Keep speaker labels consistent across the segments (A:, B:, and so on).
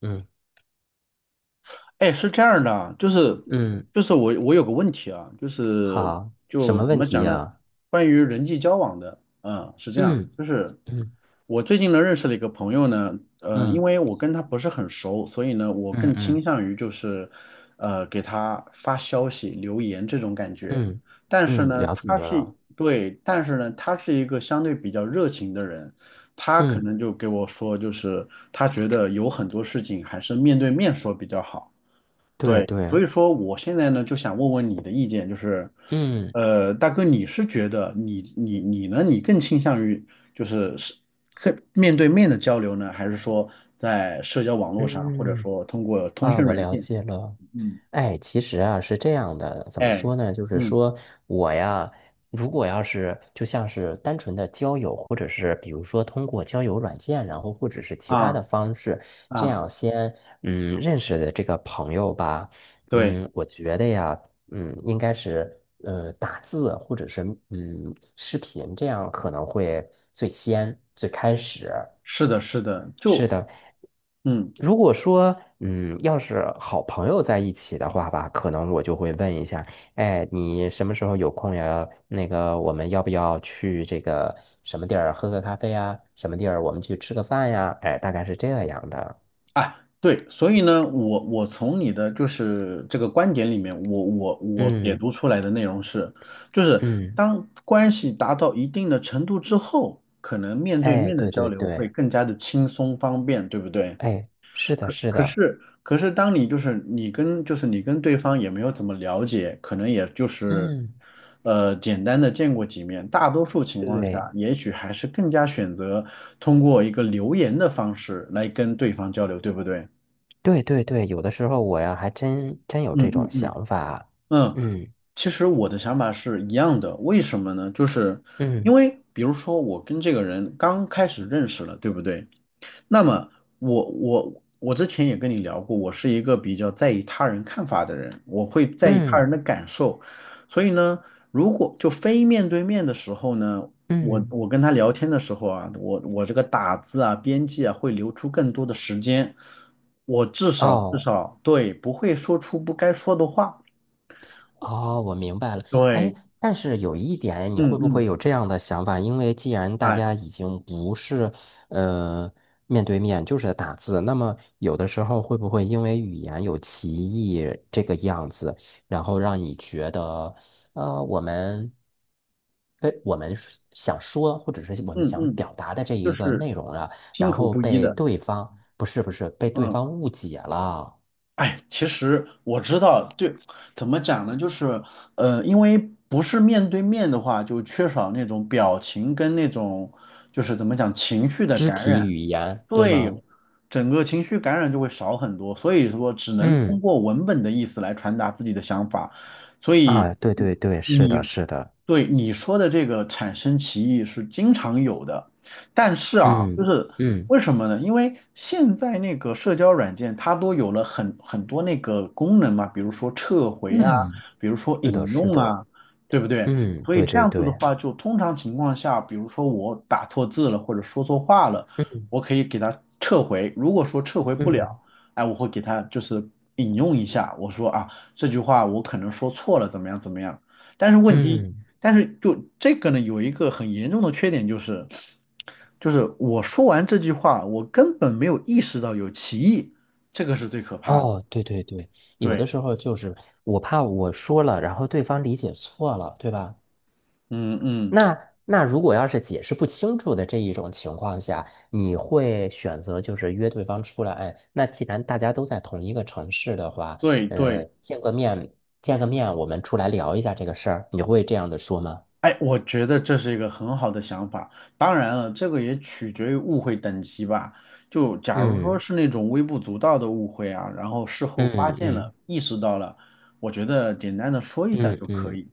A: 嗯
B: 哎，是这样的啊，就是
A: 嗯，
B: 就是我有个问题啊，就是
A: 好，什
B: 就
A: 么
B: 怎
A: 问
B: 么
A: 题
B: 讲呢？
A: 呀？
B: 关于人际交往的，是这样，
A: 嗯
B: 就是
A: 嗯
B: 我最近呢认识了一个朋友呢，因
A: 嗯
B: 为我跟他不是很熟，所以呢，我
A: 嗯
B: 更倾
A: 嗯，
B: 向于就是给他发消息、留言这种感觉。
A: 嗯
B: 但是
A: 嗯，
B: 呢，
A: 了解
B: 他是
A: 了。
B: 对，但是呢，他是一个相对比较热情的人，他可
A: 嗯，
B: 能就给我说，就是他觉得有很多事情还是面对面说比较好。
A: 对
B: 对，所
A: 对，
B: 以说我现在呢就想问问你的意见，就是，
A: 嗯
B: 大哥，你是觉得你呢，你更倾向于就是更面对面的交流呢，还是说在社交网络上，或者
A: 嗯
B: 说通过通
A: 啊，
B: 讯
A: 我
B: 软
A: 了
B: 件？
A: 解了。
B: 嗯，
A: 哎，其实啊是这样的，怎么
B: 哎，
A: 说呢？就是
B: 嗯
A: 说我呀，如果要是就像是单纯的交友，或者是比如说通过交友软件，然后或者是其他
B: 啊
A: 的方式，这
B: 啊，
A: 样先认识的这个朋友吧，
B: 对，
A: 我觉得呀，应该是打字或者是视频，这样可能会最先最开始。
B: 是的，是的，就嗯。
A: 如果说，要是好朋友在一起的话吧，可能我就会问一下，哎，你什么时候有空呀？那个，我们要不要去这个什么地儿喝个咖啡呀？什么地儿我们去吃个饭呀？哎，大概是这样的。
B: 啊，对，所以呢，我从你的就是这个观点里面，我解
A: 嗯
B: 读出来的内容是，就是
A: 嗯，
B: 当关系达到一定的程度之后，可能面对
A: 哎，
B: 面的
A: 对
B: 交
A: 对
B: 流会
A: 对，
B: 更加的轻松方便，对不对？
A: 哎，是的，
B: 可
A: 是
B: 可
A: 的，
B: 是可是当你就是你跟对方也没有怎么了解，可能也就是
A: 嗯，
B: 简单的见过几面，大多数情况
A: 对
B: 下，也许还是更加选择通过一个留言的方式来跟对方交流，对不对？
A: 对对对，有的时候我呀，还真真有这
B: 嗯
A: 种
B: 嗯嗯
A: 想法。
B: 嗯，
A: 嗯
B: 其实我的想法是一样的，为什么呢？就是因
A: 嗯
B: 为比如说我跟这个人刚开始认识了，对不对？那么我之前也跟你聊过，我是一个比较在意他人看法的人，我会在意他人
A: 嗯
B: 的感受，所以呢，如果就非面对面的时候呢，我
A: 嗯，
B: 我跟他聊天的时候啊，我这个打字啊、编辑啊会留出更多的时间，我至少至
A: 哦。
B: 少对不会说出不该说的话。
A: 哦，我明白了。哎，
B: 对，
A: 但是有一点，你
B: 嗯
A: 会不
B: 嗯，
A: 会有这样的想法？因为既然大
B: 哎，
A: 家已经不是呃面对面，就是打字，那么有的时候会不会因为语言有歧义这个样子，然后让你觉得，我们被我们是想说或者是我们
B: 嗯
A: 想
B: 嗯，
A: 表达的这
B: 就
A: 一个
B: 是
A: 内容啊，
B: 心
A: 然
B: 口
A: 后
B: 不一
A: 被
B: 的，
A: 对方，不是不是，被对
B: 嗯。
A: 方误解了，
B: 哎，其实我知道，对，怎么讲呢？就是，因为不是面对面的话，就缺少那种表情跟那种，就是怎么讲，情绪的
A: 肢
B: 感
A: 体
B: 染。
A: 语言，对
B: 对，
A: 吗？
B: 整个情绪感染就会少很多，所以说只能通
A: 嗯。
B: 过文本的意思来传达自己的想法。所以
A: 啊，对
B: 你
A: 对对，是
B: 你
A: 的，是的，
B: 对你说的这个产生歧义是经常有的，但是啊，就
A: 嗯
B: 是
A: 嗯
B: 为什么呢？因为现在那个社交软件它都有了很多那个功能嘛，比如说撤回啊，
A: 嗯，
B: 比如说
A: 是的，
B: 引
A: 是
B: 用
A: 的，
B: 啊，对不对？
A: 嗯，
B: 所以
A: 对
B: 这
A: 对
B: 样子的
A: 对。
B: 话，就通常情况下，比如说我打错字了或者说错话了，
A: 嗯
B: 我可以给它撤回。如果说撤回不了，
A: 嗯
B: 哎，我会给它就是引用一下，我说啊这句话我可能说错了，怎么样怎么样。但是问题
A: 嗯，
B: 但是就这个呢，有一个很严重的缺点就是，就是我说完这句话，我根本没有意识到有歧义，这个是最可怕的。
A: 哦，对对对，有
B: 对，
A: 的时候就是我怕我说了，然后对方理解错了，对吧？
B: 嗯嗯，
A: 那如果要是解释不清楚的这一种情况下，你会选择就是约对方出来？哎，那既然大家都在同一个城市的话，
B: 对
A: 呃，
B: 对。
A: 见个面，见个面，我们出来聊一下这个事儿，你会这样的说吗？
B: 哎，我觉得这是一个很好的想法。当然了，这个也取决于误会等级吧。就假如说
A: 嗯
B: 是那种微不足道的误会啊，然后事后发
A: 嗯
B: 现了、
A: 嗯
B: 意识到了，我觉得简单的说一下
A: 嗯
B: 就可
A: 嗯，
B: 以。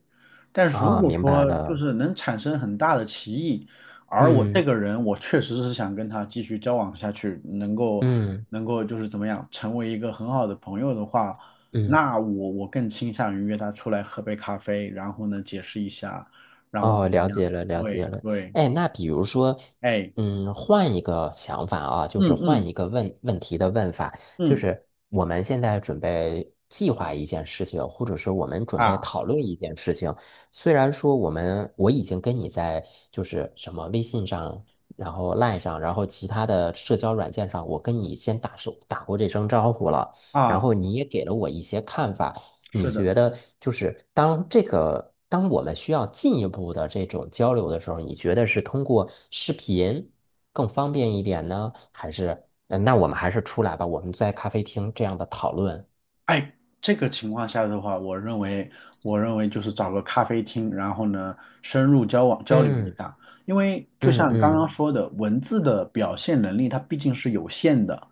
B: 但是如
A: 啊，
B: 果
A: 明白
B: 说就
A: 了，
B: 是能产生很大的歧义，而我这
A: 嗯
B: 个人我确实是想跟他继续交往下去，能够
A: 嗯
B: 能够就是怎么样成为一个很好的朋友的话，
A: 嗯。
B: 那我更倾向于约他出来喝杯咖啡，然后呢解释一下。然后
A: 哦，
B: 怎么
A: 了解
B: 样？
A: 了，了解
B: 对
A: 了。
B: 对，
A: 哎，那比如说，
B: 哎，
A: 换一个想法啊，就是
B: 嗯
A: 换
B: 嗯
A: 一个问问题的问法，就
B: 嗯
A: 是我们现在准备计划一件事情，或者是我们准备
B: 啊
A: 讨论一件事情。虽然说我已经跟你在就是什么微信上，然后 LINE 上，然后其他的社交软件上，我跟你先手打过这声招呼了，然
B: 啊，
A: 后你也给了我一些看法。你
B: 是的。
A: 觉得就是当这个，当我们需要进一步的这种交流的时候，你觉得是通过视频更方便一点呢，还是，那我们还是出来吧，我们在咖啡厅这样的讨论。
B: 哎，这个情况下的话，我认为，我认为就是找个咖啡厅，然后呢，深入交往交流一
A: 嗯
B: 下。因为就
A: 嗯
B: 像刚刚
A: 嗯
B: 说的，文字的表现能力它毕竟是有限的，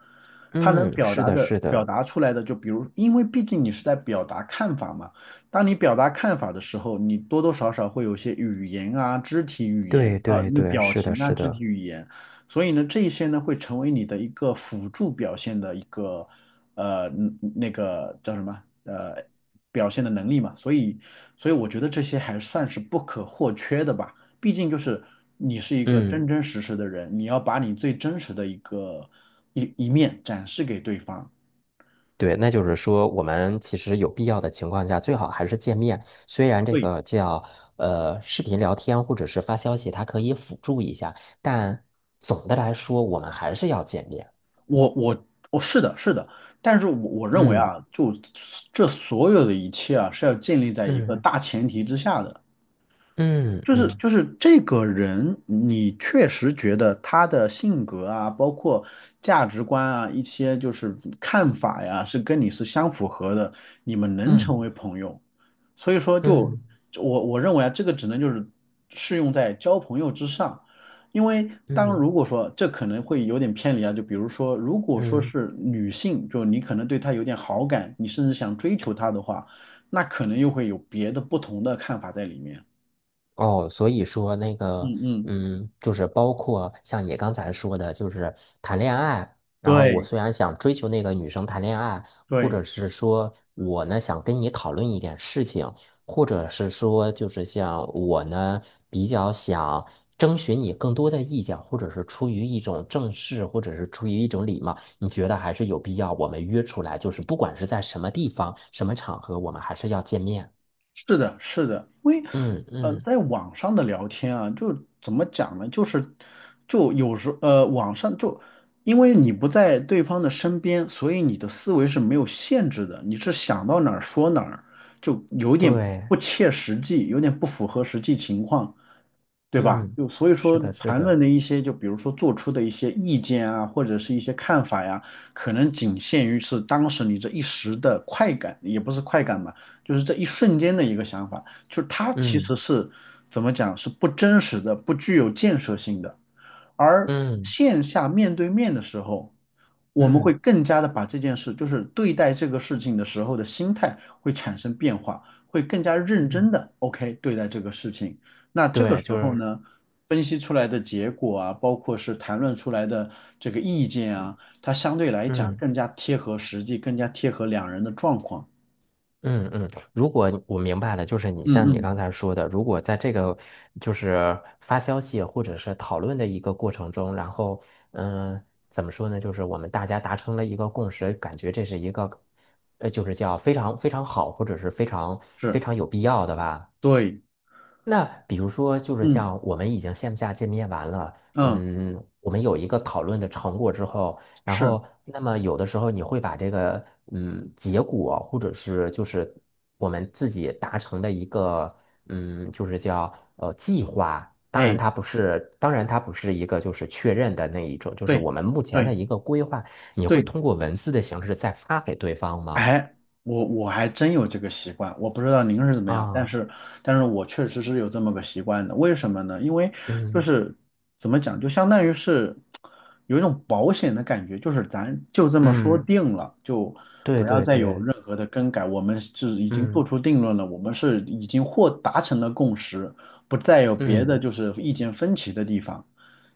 B: 它能
A: 嗯，
B: 表
A: 是
B: 达
A: 的，
B: 的
A: 是
B: 表
A: 的，
B: 达出来的，就比如，因为毕竟你是在表达看法嘛，当你表达看法的时候，你多多少少会有些语言啊、肢体语言
A: 对
B: 啊、
A: 对
B: 那
A: 对，
B: 表
A: 是的，
B: 情啊、
A: 是
B: 肢体
A: 的，
B: 语言，所以呢，这一些呢会成为你的一个辅助表现的一个。那个叫什么表现的能力嘛，所以我觉得这些还算是不可或缺的吧，毕竟就是你是一个
A: 嗯。
B: 真真实实的人，你要把你最真实的一个一面展示给对方。
A: 对，那就是说，我们其实有必要的情况下，最好还是见面。虽然这
B: 对，
A: 个叫视频聊天或者是发消息，它可以辅助一下，但总的来说，我们还是要见面。
B: 我是的是的，但是我认为
A: 嗯
B: 啊，就这所有的一切啊是要建立在一个
A: 嗯
B: 大前提之下的。
A: 嗯
B: 就是
A: 嗯
B: 就是这个人，你确实觉得他的性格啊，包括价值观啊，一些就是看法呀，是跟你是相符合的，你们能成
A: 嗯
B: 为朋友。所以说就，
A: 嗯
B: 我认为啊，这个只能就是适用在交朋友之上，因为当
A: 嗯
B: 如果说这可能会有点偏离啊，就比如说，如果
A: 嗯
B: 说
A: 嗯。
B: 是女性，就你可能对她有点好感，你甚至想追求她的话，那可能又会有别的不同的看法在里面。
A: 哦，所以说那个，
B: 嗯嗯。
A: 就是包括像你刚才说的，就是谈恋爱。然后我
B: 对
A: 虽然想追求那个女生谈恋爱，或
B: 对，
A: 者是说我呢想跟你讨论一点事情，或者是说就是像我呢比较想征询你更多的意见，或者是出于一种正式，或者是出于一种礼貌，你觉得还是有必要我们约出来，就是不管是在什么地方、什么场合，我们还是要见面。
B: 是的，是的，因为
A: 嗯嗯，
B: 在网上的聊天啊，就怎么讲呢？就是就有时网上就因为你不在对方的身边，所以你的思维是没有限制的，你是想到哪儿说哪儿，就有点
A: 对。
B: 不切实际，有点不符合实际情况。对吧？
A: 嗯，
B: 就所以
A: 是
B: 说，
A: 的，是
B: 谈论
A: 的，
B: 的一些，就比如说做出的一些意见啊，或者是一些看法呀，可能仅限于是当时你这一时的快感，也不是快感吧，就是这一瞬间的一个想法，就是它其
A: 嗯
B: 实是怎么讲，是不真实的，不具有建设性的。而
A: 嗯
B: 线下面对面的时候，我们会
A: 嗯
B: 更加的把这件事，就是对待这个事情的时候的心态会产生变化，会更加认真
A: 嗯，
B: 的 OK 对待这个事情。那这个
A: 对，
B: 时
A: 就
B: 候
A: 是
B: 呢，分析出来的结果啊，包括是谈论出来的这个意见啊，它相对来讲
A: 嗯
B: 更加贴合实际，更加贴合两人的状况。
A: 嗯嗯。如果我明白了，就是
B: 嗯
A: 像你
B: 嗯，
A: 刚才说的，如果在这个就是发消息或者是讨论的一个过程中，然后嗯、呃怎么说呢？就是我们大家达成了一个共识，感觉这是一个就是叫非常非常好，或者是非常非
B: 是，
A: 常有必要的吧。
B: 对，
A: 那比如说，就是
B: 嗯
A: 像我们已经线下见面完了，
B: 嗯
A: 我们有一个讨论的成果之后，然
B: 是，
A: 后那么有的时候你会把这个结果，或者是就是我们自己达成的一个就是叫计划，
B: 哎，
A: 当然它不是一个就是确认的那一种，就是
B: 对
A: 我们目前的
B: 对
A: 一个规划，你会
B: 对。
A: 通过文字的形式再发给对方吗？
B: 哎，我还真有这个习惯，我不知道您是怎么样，但
A: 啊，
B: 是我确实是有这么个习惯的。为什么呢？因为就
A: 嗯
B: 是怎么讲，就相当于是有一种保险的感觉，就是咱就这么说
A: 嗯，
B: 定了，就
A: 对
B: 不要
A: 对
B: 再有
A: 对，
B: 任何的更改。我们是已经做
A: 嗯
B: 出定论了，我们是已经或达成了共识，不再有别的
A: 嗯。
B: 就是意见分歧的地方。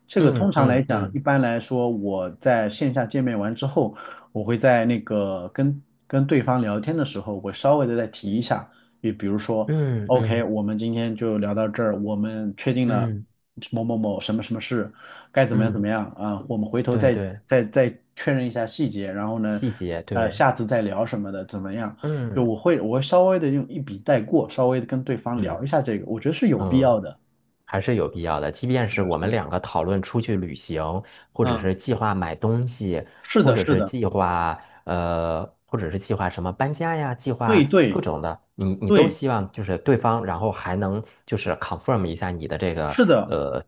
B: 这个通
A: 嗯
B: 常来
A: 嗯
B: 讲，一
A: 嗯
B: 般来说，我在线下见面完之后。我会在那个跟对方聊天的时候，我稍微的再提一下，也比如说
A: 嗯
B: ，OK，
A: 嗯
B: 我们今天就聊到这儿，我们确定了
A: 嗯
B: 某某某什么什么事，该怎么样怎
A: 嗯，
B: 么样啊，我们回头
A: 对
B: 再
A: 对，
B: 再再确认一下细节，然后呢，
A: 细节对，
B: 下次再聊什么的怎么样？就
A: 嗯
B: 我会稍微的用一笔带过，稍微的跟对方聊一
A: 嗯
B: 下这个，我觉得是有必
A: 嗯，
B: 要的。
A: 还是有必要的。即便
B: 是
A: 是
B: 的，
A: 我
B: 是
A: 们
B: 的，
A: 两个讨论出去旅行，或者
B: 嗯，
A: 是计划买东西，
B: 是
A: 或
B: 的，
A: 者
B: 是
A: 是
B: 的，
A: 计划或者是计划什么搬家呀，计划
B: 对
A: 各
B: 对。
A: 种的，你都
B: 对，
A: 希望就是对方，然后还能就是 confirm 一下你的
B: 是的，
A: 呃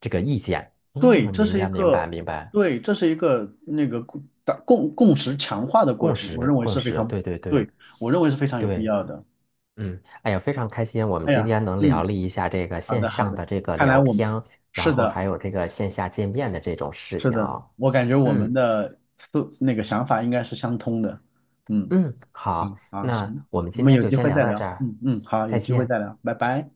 A: 这个意见。
B: 对，
A: 嗯，
B: 这
A: 明
B: 是一
A: 白明白
B: 个，
A: 明白，
B: 对，这是一个那个共打共共识强化的过
A: 共
B: 程，我
A: 识
B: 认为
A: 共
B: 是非
A: 识，
B: 常，
A: 对对对。
B: 对，我认为是非常有必
A: 对
B: 要的。
A: 嗯，哎呀，非常开心，我们
B: 哎
A: 今
B: 呀，
A: 天能聊
B: 嗯，
A: 了一下这个
B: 好
A: 线
B: 的好
A: 上
B: 的，
A: 的这个
B: 看来
A: 聊
B: 我们
A: 天，然
B: 是
A: 后
B: 的
A: 还有这个线下见面的这种事
B: 是
A: 情
B: 的，
A: 哦。
B: 我感觉我们
A: 嗯
B: 的那个想法应该是相通的。嗯，
A: 嗯，
B: 好，
A: 好，
B: 好，
A: 那
B: 行，
A: 我们
B: 我
A: 今
B: 们
A: 天
B: 有
A: 就
B: 机
A: 先
B: 会
A: 聊
B: 再
A: 到
B: 聊。
A: 这儿，
B: 嗯嗯，好，有
A: 再
B: 机会
A: 见。
B: 再聊，拜拜。